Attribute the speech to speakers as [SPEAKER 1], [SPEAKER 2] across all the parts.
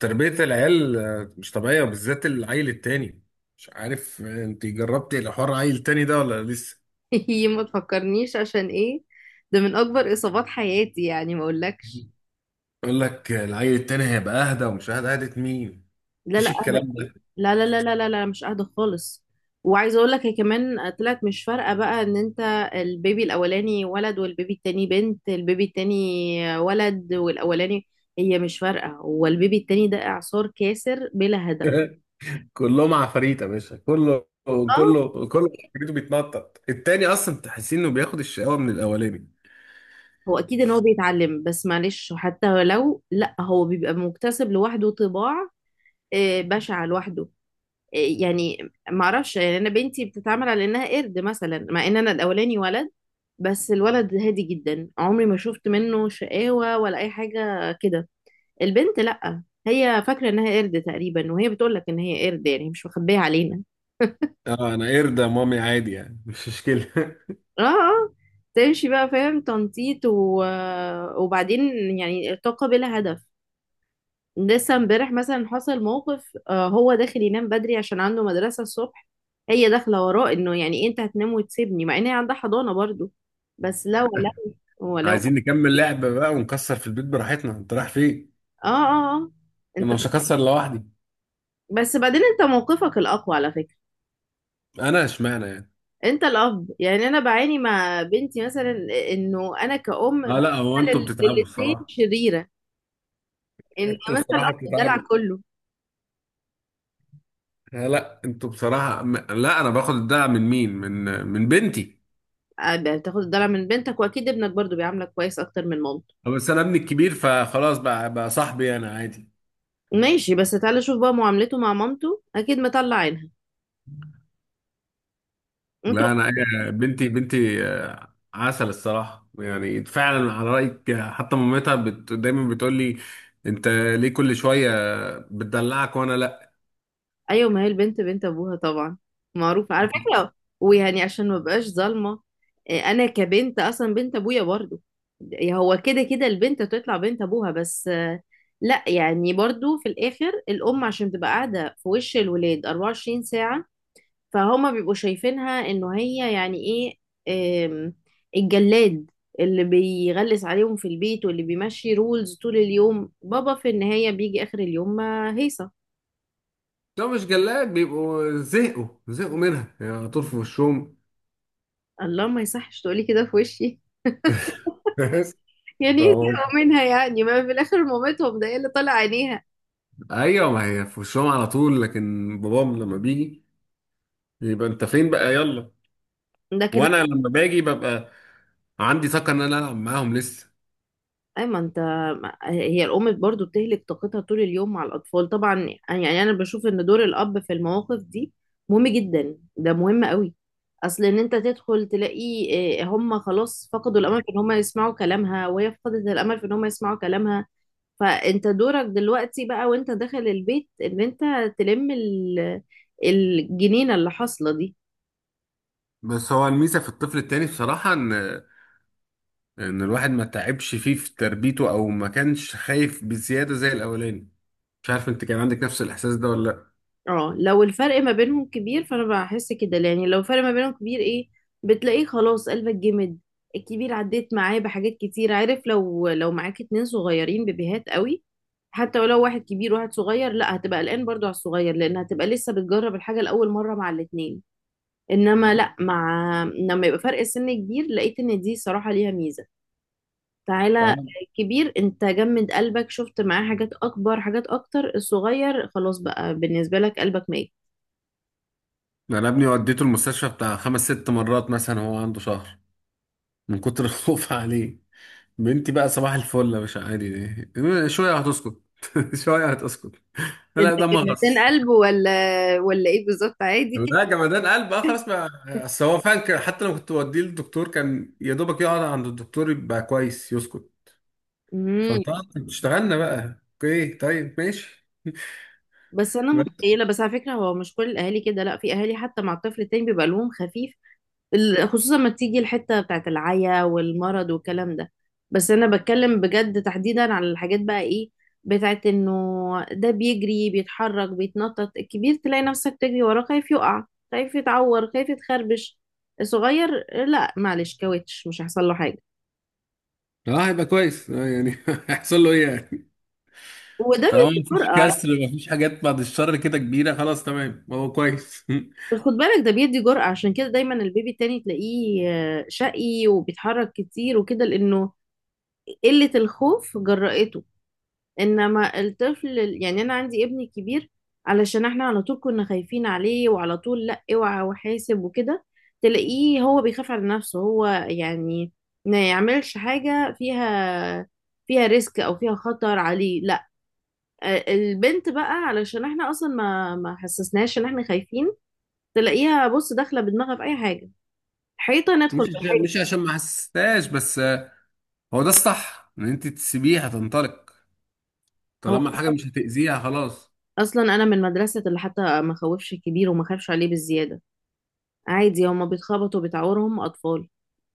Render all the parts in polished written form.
[SPEAKER 1] تربية العيال مش طبيعية، وبالذات العيل التاني. مش عارف، انت جربتي الحوار عيل تاني ده ولا لسه؟
[SPEAKER 2] يي، ما تفكرنيش عشان ايه. ده من اكبر اصابات حياتي، يعني ما اقولكش.
[SPEAKER 1] يقول لك العيل التاني هيبقى اهدى، ومش اهدى اهدى مين؟
[SPEAKER 2] لا لا،
[SPEAKER 1] مفيش الكلام
[SPEAKER 2] اهدى.
[SPEAKER 1] ده.
[SPEAKER 2] لا لا لا لا لا لا، مش اهدى خالص. وعايزه اقول لك هي كمان طلعت مش فارقه، بقى ان انت البيبي الاولاني ولد والبيبي التاني بنت. البيبي التاني ولد والاولاني. هي مش فارقه، هو البيبي التاني ده اعصار كاسر بلا هدف.
[SPEAKER 1] كلهم عفاريت يا باشا، كله
[SPEAKER 2] اه،
[SPEAKER 1] كله كله عفاريته، بيتنطط التاني، اصلا تحسين انه بياخد الشقاوة من الاولاني.
[SPEAKER 2] هو اكيد ان هو بيتعلم، بس معلش حتى لو لا هو بيبقى مكتسب لوحده طباع، بشعه لوحده يعني. ما اعرفش يعني، انا بنتي بتتعامل على انها قرد مثلا، مع ان انا الاولاني ولد بس الولد هادي جدا، عمري ما شفت منه شقاوة ولا اي حاجة كده. البنت لا، هي فاكرة انها قرد تقريبا، وهي بتقول لك ان هي قرد يعني، مش مخبية علينا.
[SPEAKER 1] اه انا قرد يا مامي، عادي يعني، مش مشكلة.
[SPEAKER 2] اه اه. تمشي بقى فاهم، تنطيط وبعدين يعني، طاقة بلا هدف. لسه امبارح مثلا حصل موقف، هو داخل ينام بدري عشان عنده مدرسة الصبح، هي داخلة وراه انه يعني انت هتنام وتسيبني، مع ان هي عندها حضانة برضو. بس لا، ولو.
[SPEAKER 1] عايزين نكمل لعبة بقى ونكسر في البيت براحتنا، انت رايح فين؟
[SPEAKER 2] اه اه اه. انت...
[SPEAKER 1] انا مش هكسر لوحدي.
[SPEAKER 2] بس بعدين انت موقفك الاقوى على فكرة.
[SPEAKER 1] انا اشمعنى يعني؟
[SPEAKER 2] انت الاب يعني، انا بعاني مع بنتي مثلا، انه انا كأم
[SPEAKER 1] لا لا، هو انتوا
[SPEAKER 2] بتعمل
[SPEAKER 1] بتتعبوا
[SPEAKER 2] للاتنين
[SPEAKER 1] الصراحه.
[SPEAKER 2] شريرة، ان
[SPEAKER 1] انتوا
[SPEAKER 2] مثلا الاب
[SPEAKER 1] بصراحة
[SPEAKER 2] الدلع
[SPEAKER 1] بتتعبوا.
[SPEAKER 2] كله.
[SPEAKER 1] لا انتوا بصراحة لا، انا باخد الدعم من مين؟ من بنتي.
[SPEAKER 2] بتاخد الدلع من بنتك، واكيد ابنك برضو بيعاملك كويس اكتر من مامتك.
[SPEAKER 1] بس انا ابني الكبير، فخلاص بقى صاحبي انا، عادي.
[SPEAKER 2] ماشي، بس تعالى شوف بقى معاملته مع مامته اكيد مطلع عينها. انتوا...
[SPEAKER 1] لا انا بنتي بنتي، عسل الصراحه، يعني فعلا على رايك. حتى مامتها دايما بتقول لي: انت ليه كل شويه بتدلعك وانا لا؟
[SPEAKER 2] ايوه، ما هي البنت بنت ابوها طبعا، معروفه على فكره، ويعني عشان ما بقاش ظالمه، إيه، انا كبنت اصلا بنت ابويا برضو. إيه، هو كده كده البنت تطلع بنت ابوها، بس لا يعني برضو في الاخر الام عشان تبقى قاعده في وش الولاد 24 ساعه، فهما بيبقوا شايفينها انه هي يعني ايه، آم، الجلاد اللي بيغلس عليهم في البيت، واللي بيمشي رولز طول اليوم. بابا في النهاية بيجي آخر اليوم ما هيصة.
[SPEAKER 1] لو مش جلاك بيبقوا زهقوا زهقوا منها، يعني على طول في وشهم.
[SPEAKER 2] الله، ما يصحش تقولي كده في وشي. يعني ايه زهقوا منها يعني، ما في الآخر مامتهم ده هي اللي طالع عينيها.
[SPEAKER 1] ايوه ما هي في وشهم على طول، لكن بابام لما بيجي، يبقى انت فين بقى، يلا.
[SPEAKER 2] لكن...
[SPEAKER 1] وانا لما باجي ببقى عندي طاقه ان انا العب معاهم لسه.
[SPEAKER 2] اي ما انت، هي الام برضو بتهلك طاقتها طول اليوم مع الاطفال طبعا. يعني انا بشوف ان دور الاب في المواقف دي مهم جدا، ده مهم قوي. اصل ان انت تدخل تلاقي هم خلاص فقدوا الامل في ان هم يسمعوا كلامها، وهي فقدت الامل في ان هم يسمعوا كلامها، فانت دورك دلوقتي بقى وانت داخل البيت ان انت تلم الجنينة اللي حاصلة دي.
[SPEAKER 1] بس هو الميزه في الطفل التاني بصراحه ان الواحد ما تعبش فيه في تربيته، او ما كانش خايف بزياده زي الاولاني. مش عارف انت كان عندك نفس الاحساس ده ولا لا.
[SPEAKER 2] اه لو الفرق ما بينهم كبير فانا بحس كده، يعني لو الفرق ما بينهم كبير ايه، بتلاقيه خلاص قلبك جمد. الكبير عديت معاه بحاجات كتير، عارف، لو معاك اتنين صغيرين بيبيهات قوي، حتى ولو واحد كبير وواحد صغير لا هتبقى قلقان برضو على الصغير، لان هتبقى لسه بتجرب الحاجة لأول مرة مع الاتنين. انما لا، مع لما يبقى فرق السن كبير لقيت ان دي صراحة ليها ميزة. تعالى،
[SPEAKER 1] فاهم.
[SPEAKER 2] الكبير انت جمد قلبك، شفت معاه حاجات اكبر، حاجات اكتر، الصغير خلاص بقى بالنسبة لك قلبك ميت.
[SPEAKER 1] انا ابني وديته المستشفى بتاع خمس ست مرات مثلا، هو عنده شهر، من كتر الخوف عليه. بنتي بقى صباح الفل، مش عادي، دي شويه هتسكت، شويه هتسكت.
[SPEAKER 2] ده
[SPEAKER 1] لا، ده
[SPEAKER 2] كان 200
[SPEAKER 1] مغص.
[SPEAKER 2] قلب، ولا ولا ايه بالظبط، عادي
[SPEAKER 1] لا
[SPEAKER 2] كده.
[SPEAKER 1] جمدان قلب، اه، خلاص بقى. اصل هو فعلا حتى لما كنت بوديه للدكتور، كان يا دوبك يقعد عند الدكتور يبقى كويس يسكت.
[SPEAKER 2] امم.
[SPEAKER 1] فانت كنت اشتغلنا بقى، اوكي طيب ماشي.
[SPEAKER 2] بس انا
[SPEAKER 1] بس.
[SPEAKER 2] متخيله، بس على فكره هو مش كل الاهالي كده، لا في اهالي حتى مع الطفل التاني بيبقى لهم خفيف. خصوصا ما تيجي الحته بتاعت العيا والمرض والكلام ده. بس انا بتكلم بجد تحديدا على الحاجات بقى ايه، بتاعت انه ده بيجري بيتحرك بيتنطط، الكبير تلاقي نفسك تجري وراه خايف يقع، خايف يتعور، خايف يتخربش. الصغير لا، معلش كاوتش مش هيحصل له حاجه.
[SPEAKER 1] اه هيبقى كويس، اه يعني هيحصل له ايه يعني؟
[SPEAKER 2] وده
[SPEAKER 1] طالما مفيش
[SPEAKER 2] بيفرق.
[SPEAKER 1] كسر، مفيش حاجات بعد الشر كده كبيره، خلاص تمام، هو كويس.
[SPEAKER 2] بس خد بالك ده بيدي جرأة، عشان كده دايما البيبي التاني تلاقيه شقي وبيتحرك كتير وكده، لأنه قلة الخوف جرأته. إنما الطفل يعني أنا عندي ابني كبير علشان احنا على طول كنا خايفين عليه، وعلى طول لأ اوعى وحاسب وكده، تلاقيه هو بيخاف على نفسه هو يعني، ما يعملش حاجة فيها فيها ريسك أو فيها خطر عليه لأ. البنت بقى علشان احنا أصلا ما حسسناش إن احنا خايفين، تلاقيها بص داخلة بدماغها في أي حاجة، حيطة ندخل بالحيطة.
[SPEAKER 1] مش عشان ما حسستهاش، بس هو ده الصح، ان انت تسيبيه هتنطلق،
[SPEAKER 2] هو
[SPEAKER 1] طالما الحاجه
[SPEAKER 2] أصلا
[SPEAKER 1] مش هتاذيها، خلاص.
[SPEAKER 2] أصلاً أنا من مدرسة اللي حتى ما خوفش الكبير وما خافش عليه بالزيادة، عادي هما بيتخبطوا بتعورهم أطفال،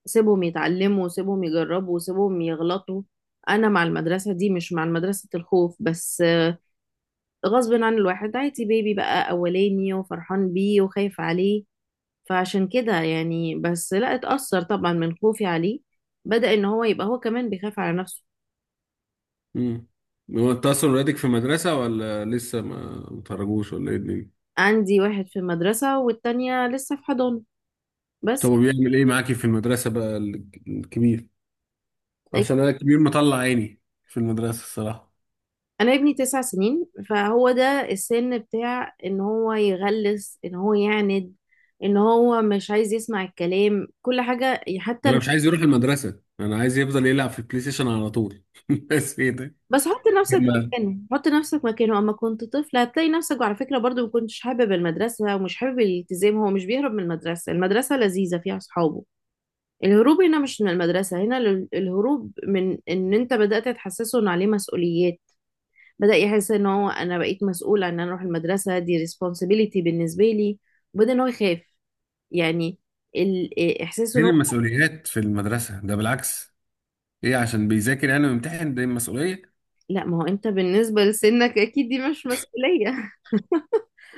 [SPEAKER 2] سيبهم يتعلموا، سيبهم يجربوا، سيبهم يغلطوا. أنا مع المدرسة دي، مش مع مدرسة الخوف بس. غصب عن الواحد عادي بيبي بقى أولاني وفرحان بيه وخايف عليه، فعشان كده يعني بس لا اتأثر طبعا من خوفي عليه، بدأ إن هو يبقى هو كمان بيخاف على نفسه.
[SPEAKER 1] امم. هو انت اصلا ولادك في مدرسة، ولا لسه ما متخرجوش، ولا ايه الدنيا؟
[SPEAKER 2] عندي واحد في المدرسة والتانية لسه في حضانة
[SPEAKER 1] طب
[SPEAKER 2] بس.
[SPEAKER 1] هو بيعمل ايه معاكي في المدرسة بقى، الكبير؟ عشان انا الكبير مطلع عيني في المدرسة الصراحة.
[SPEAKER 2] انا ابني 9 سنين، فهو ده السن بتاع ان هو يغلس، ان هو يعند، ان هو مش عايز يسمع الكلام كل حاجة
[SPEAKER 1] انا مش عايز يروح المدرسة، انا عايز يفضل يلعب في البلاي ستيشن على طول، بس ايه ده؟
[SPEAKER 2] بس حط نفسك
[SPEAKER 1] لما-
[SPEAKER 2] مكانه، حط نفسك مكانه اما كنت طفل، هتلاقي نفسك وعلى فكرة برضو ما كنتش حابب المدرسة ومش حابب الالتزام. هو مش بيهرب من المدرسة، المدرسة لذيذة فيها اصحابه. الهروب هنا مش من المدرسة، هنا الهروب من ان انت بدأت تحسسه ان عليه مسؤوليات، بدأ يحس ان هو انا بقيت مسؤولة، ان انا اروح المدرسة دي responsibility بالنسبة لي، وبدأ ان هو يخاف يعني ال- إيه، احساسه ان
[SPEAKER 1] فين
[SPEAKER 2] هو...
[SPEAKER 1] المسؤوليات في المدرسة؟ ده بالعكس. ايه، عشان بيذاكر يعني ويمتحن، ده المسؤولية؟
[SPEAKER 2] لا، ما هو انت بالنسبة لسنك اكيد دي مش مسؤولية.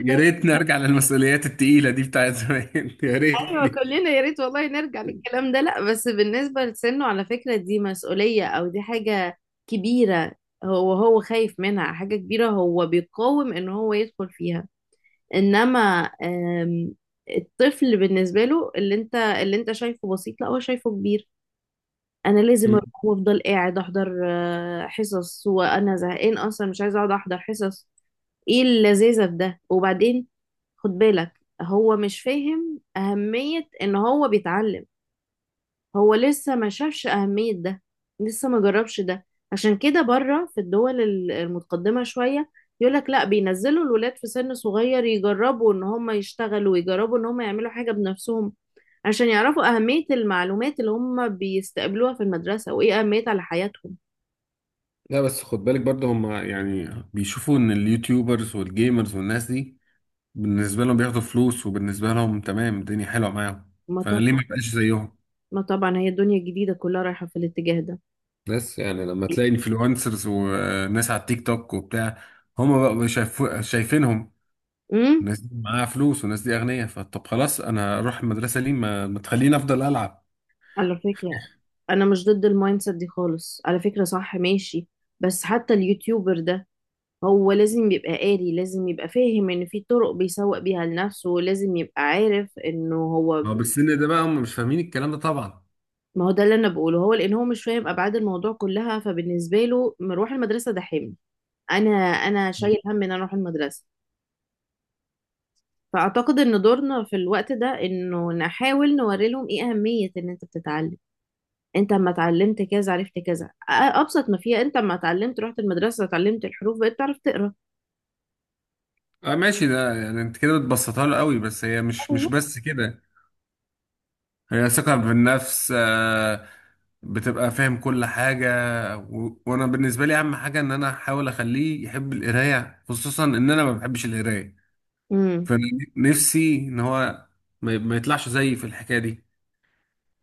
[SPEAKER 1] يا ريتني ارجع للمسؤوليات التقيلة دي بتاعت زمان، يا
[SPEAKER 2] ايوه
[SPEAKER 1] ريتني.
[SPEAKER 2] كلنا يا ريت والله نرجع للكلام ده. لا بس بالنسبة لسنه على فكرة دي مسؤولية، او دي حاجة كبيرة. هو هو خايف منها حاجة كبيرة، هو بيقاوم ان هو يدخل فيها. انما آم، الطفل بالنسبة له اللي انت شايفه بسيط، لا هو شايفه كبير. انا لازم اروح وافضل قاعد احضر حصص، وانا زهقان اصلا، مش عايزه اقعد احضر حصص، ايه اللذاذه في ده وبعدين. خد بالك، هو مش فاهم اهميه ان هو بيتعلم، هو لسه ما شافش اهميه ده، لسه ما جربش ده. عشان كده بره في الدول المتقدمه شويه، يقولك لا بينزلوا الولاد في سن صغير يجربوا ان هم يشتغلوا ويجربوا ان هم يعملوا حاجه بنفسهم، عشان يعرفوا أهمية المعلومات اللي هم بيستقبلوها في المدرسة وإيه أهميتها على حياتهم.
[SPEAKER 1] لا بس خد بالك برضه، هم يعني بيشوفوا ان اليوتيوبرز والجيمرز والناس دي، بالنسبة لهم بياخدوا فلوس، وبالنسبة لهم تمام، الدنيا حلوة معاهم.
[SPEAKER 2] ما
[SPEAKER 1] فانا ليه
[SPEAKER 2] طبعا.
[SPEAKER 1] ما بقاش زيهم؟
[SPEAKER 2] ما طبعا هي الدنيا الجديدة كلها رايحة في الاتجاه ده.
[SPEAKER 1] بس يعني لما تلاقي انفلونسرز وناس على التيك توك وبتاع، هم بقى شايفينهم،
[SPEAKER 2] امم.
[SPEAKER 1] الناس دي معاها فلوس والناس دي اغنياء، فطب خلاص انا هروح المدرسة ليه، ما تخليني افضل العب.
[SPEAKER 2] على فكرة أنا مش ضد المايند سيت دي خالص على فكرة، صح ماشي، بس حتى اليوتيوبر ده هو لازم يبقى قاري، لازم يبقى فاهم ان في طرق بيسوق بيها لنفسه، لازم يبقى عارف انه هو...
[SPEAKER 1] اه بالسن ده بقى هم مش فاهمين الكلام ده طبعا.
[SPEAKER 2] ما هو ده اللي انا بقوله، هو لان هو مش فاهم ابعاد الموضوع كلها، فبالنسبه له مروح المدرسه ده حمل، انا شايل هم ان انا اروح المدرسه. فأعتقد إن دورنا في الوقت ده إنه نحاول نوري لهم إيه أهمية إن أنت بتتعلم. أنت أما اتعلمت كذا عرفت كذا، أبسط ما فيها أنت أما اتعلمت رحت المدرسة اتعلمت الحروف بقيت تعرف تقرأ.
[SPEAKER 1] اه ماشي، ده يعني انت كده بتبسطها له قوي، بس هي مش
[SPEAKER 2] أيوة.
[SPEAKER 1] بس كده. هي ثقة بالنفس، بتبقى فاهم كل حاجة. وأنا بالنسبة لي أهم حاجة إن أنا أحاول أخليه يحب القراية، خصوصا إن أنا ما بحبش القراية.
[SPEAKER 2] امم.
[SPEAKER 1] فأنا نفسي إن هو ما يطلعش زيي في الحكاية دي.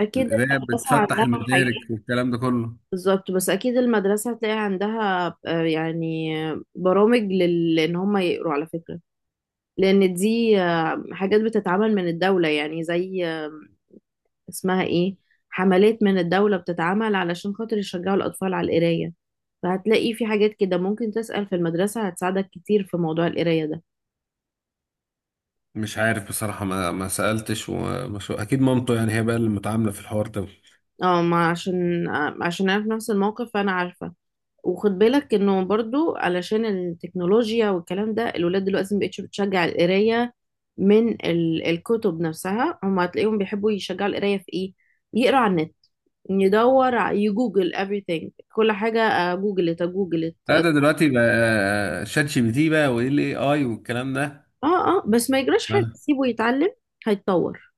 [SPEAKER 2] أكيد
[SPEAKER 1] القراية
[SPEAKER 2] المدرسة
[SPEAKER 1] بتفتح
[SPEAKER 2] عندها
[SPEAKER 1] المدارك
[SPEAKER 2] حاجات.
[SPEAKER 1] والكلام ده كله.
[SPEAKER 2] بالظبط، بس أكيد المدرسة هتلاقي عندها يعني برامج إن هم يقروا على فكرة، لأن دي حاجات بتتعمل من الدولة يعني زي اسمها إيه، حملات من الدولة بتتعمل علشان خاطر يشجعوا الأطفال على القراية، فهتلاقي في حاجات كده ممكن تسأل في المدرسة هتساعدك كتير في موضوع القراية ده.
[SPEAKER 1] مش عارف بصراحة، ما سألتش، أكيد مامته، يعني هي بقى اللي متعاملة في الحوار ده.
[SPEAKER 2] اه ما عشان أنا في نفس الموقف فأنا عارفة. وخد بالك انه برضو علشان التكنولوجيا والكلام ده الولاد دلوقتي مبقتش بتشجع القراية من الكتب نفسها، هم هتلاقيهم بيحبوا يشجعوا القراية في ايه، يقرا على النت، يدور يجوجل everything، كل حاجة، جوجلت، جوجلت
[SPEAKER 1] لا
[SPEAKER 2] اه.
[SPEAKER 1] ده دلوقتي بقى شات GPT بقى، وايه الاي اي والكلام ده.
[SPEAKER 2] اه بس ما يجراش حاجة، سيبه يتعلم هيتطور.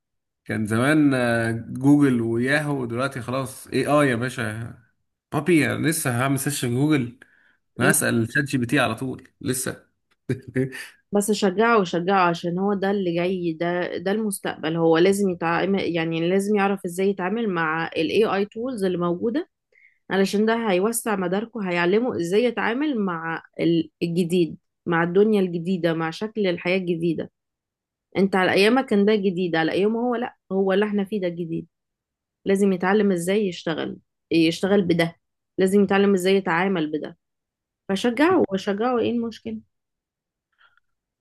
[SPEAKER 1] كان زمان جوجل وياهو، دلوقتي خلاص AI يا باشا. بابي أنا لسه هعمل سيرش في جوجل؟ انا هسأل شات GPT على طول لسه.
[SPEAKER 2] بس شجعه، شجعه، عشان هو ده اللي جاي، ده المستقبل، هو لازم يتعامل يعني لازم يعرف ازاي يتعامل مع ال AI tools اللي موجودة، علشان ده هيوسع مداركه، هيعلمه ازاي يتعامل مع الجديد، مع الدنيا الجديدة، مع شكل الحياة الجديدة. انت على ايامك كان ده جديد، على ايامه هو لا، هو اللي احنا فيه ده جديد. لازم يتعلم ازاي يشتغل، يشتغل بده، لازم يتعلم ازاي يتعامل بده، فشجعه وشجعه ايه المشكلة.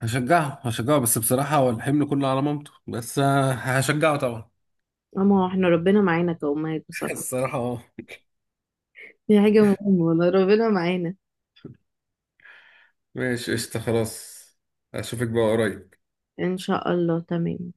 [SPEAKER 1] هشجعه هشجعه، بس بصراحة هو الحمل كله على مامته، بس هشجعه طبعا.
[SPEAKER 2] اما هو احنا ربنا معانا كأمهات بصراحة،
[SPEAKER 1] الصراحة اه.
[SPEAKER 2] دي حاجة مهمة والله ربنا معانا.
[SPEAKER 1] ماشي قشطة خلاص. اشوفك بقى قريب.
[SPEAKER 2] إن شاء الله تمام.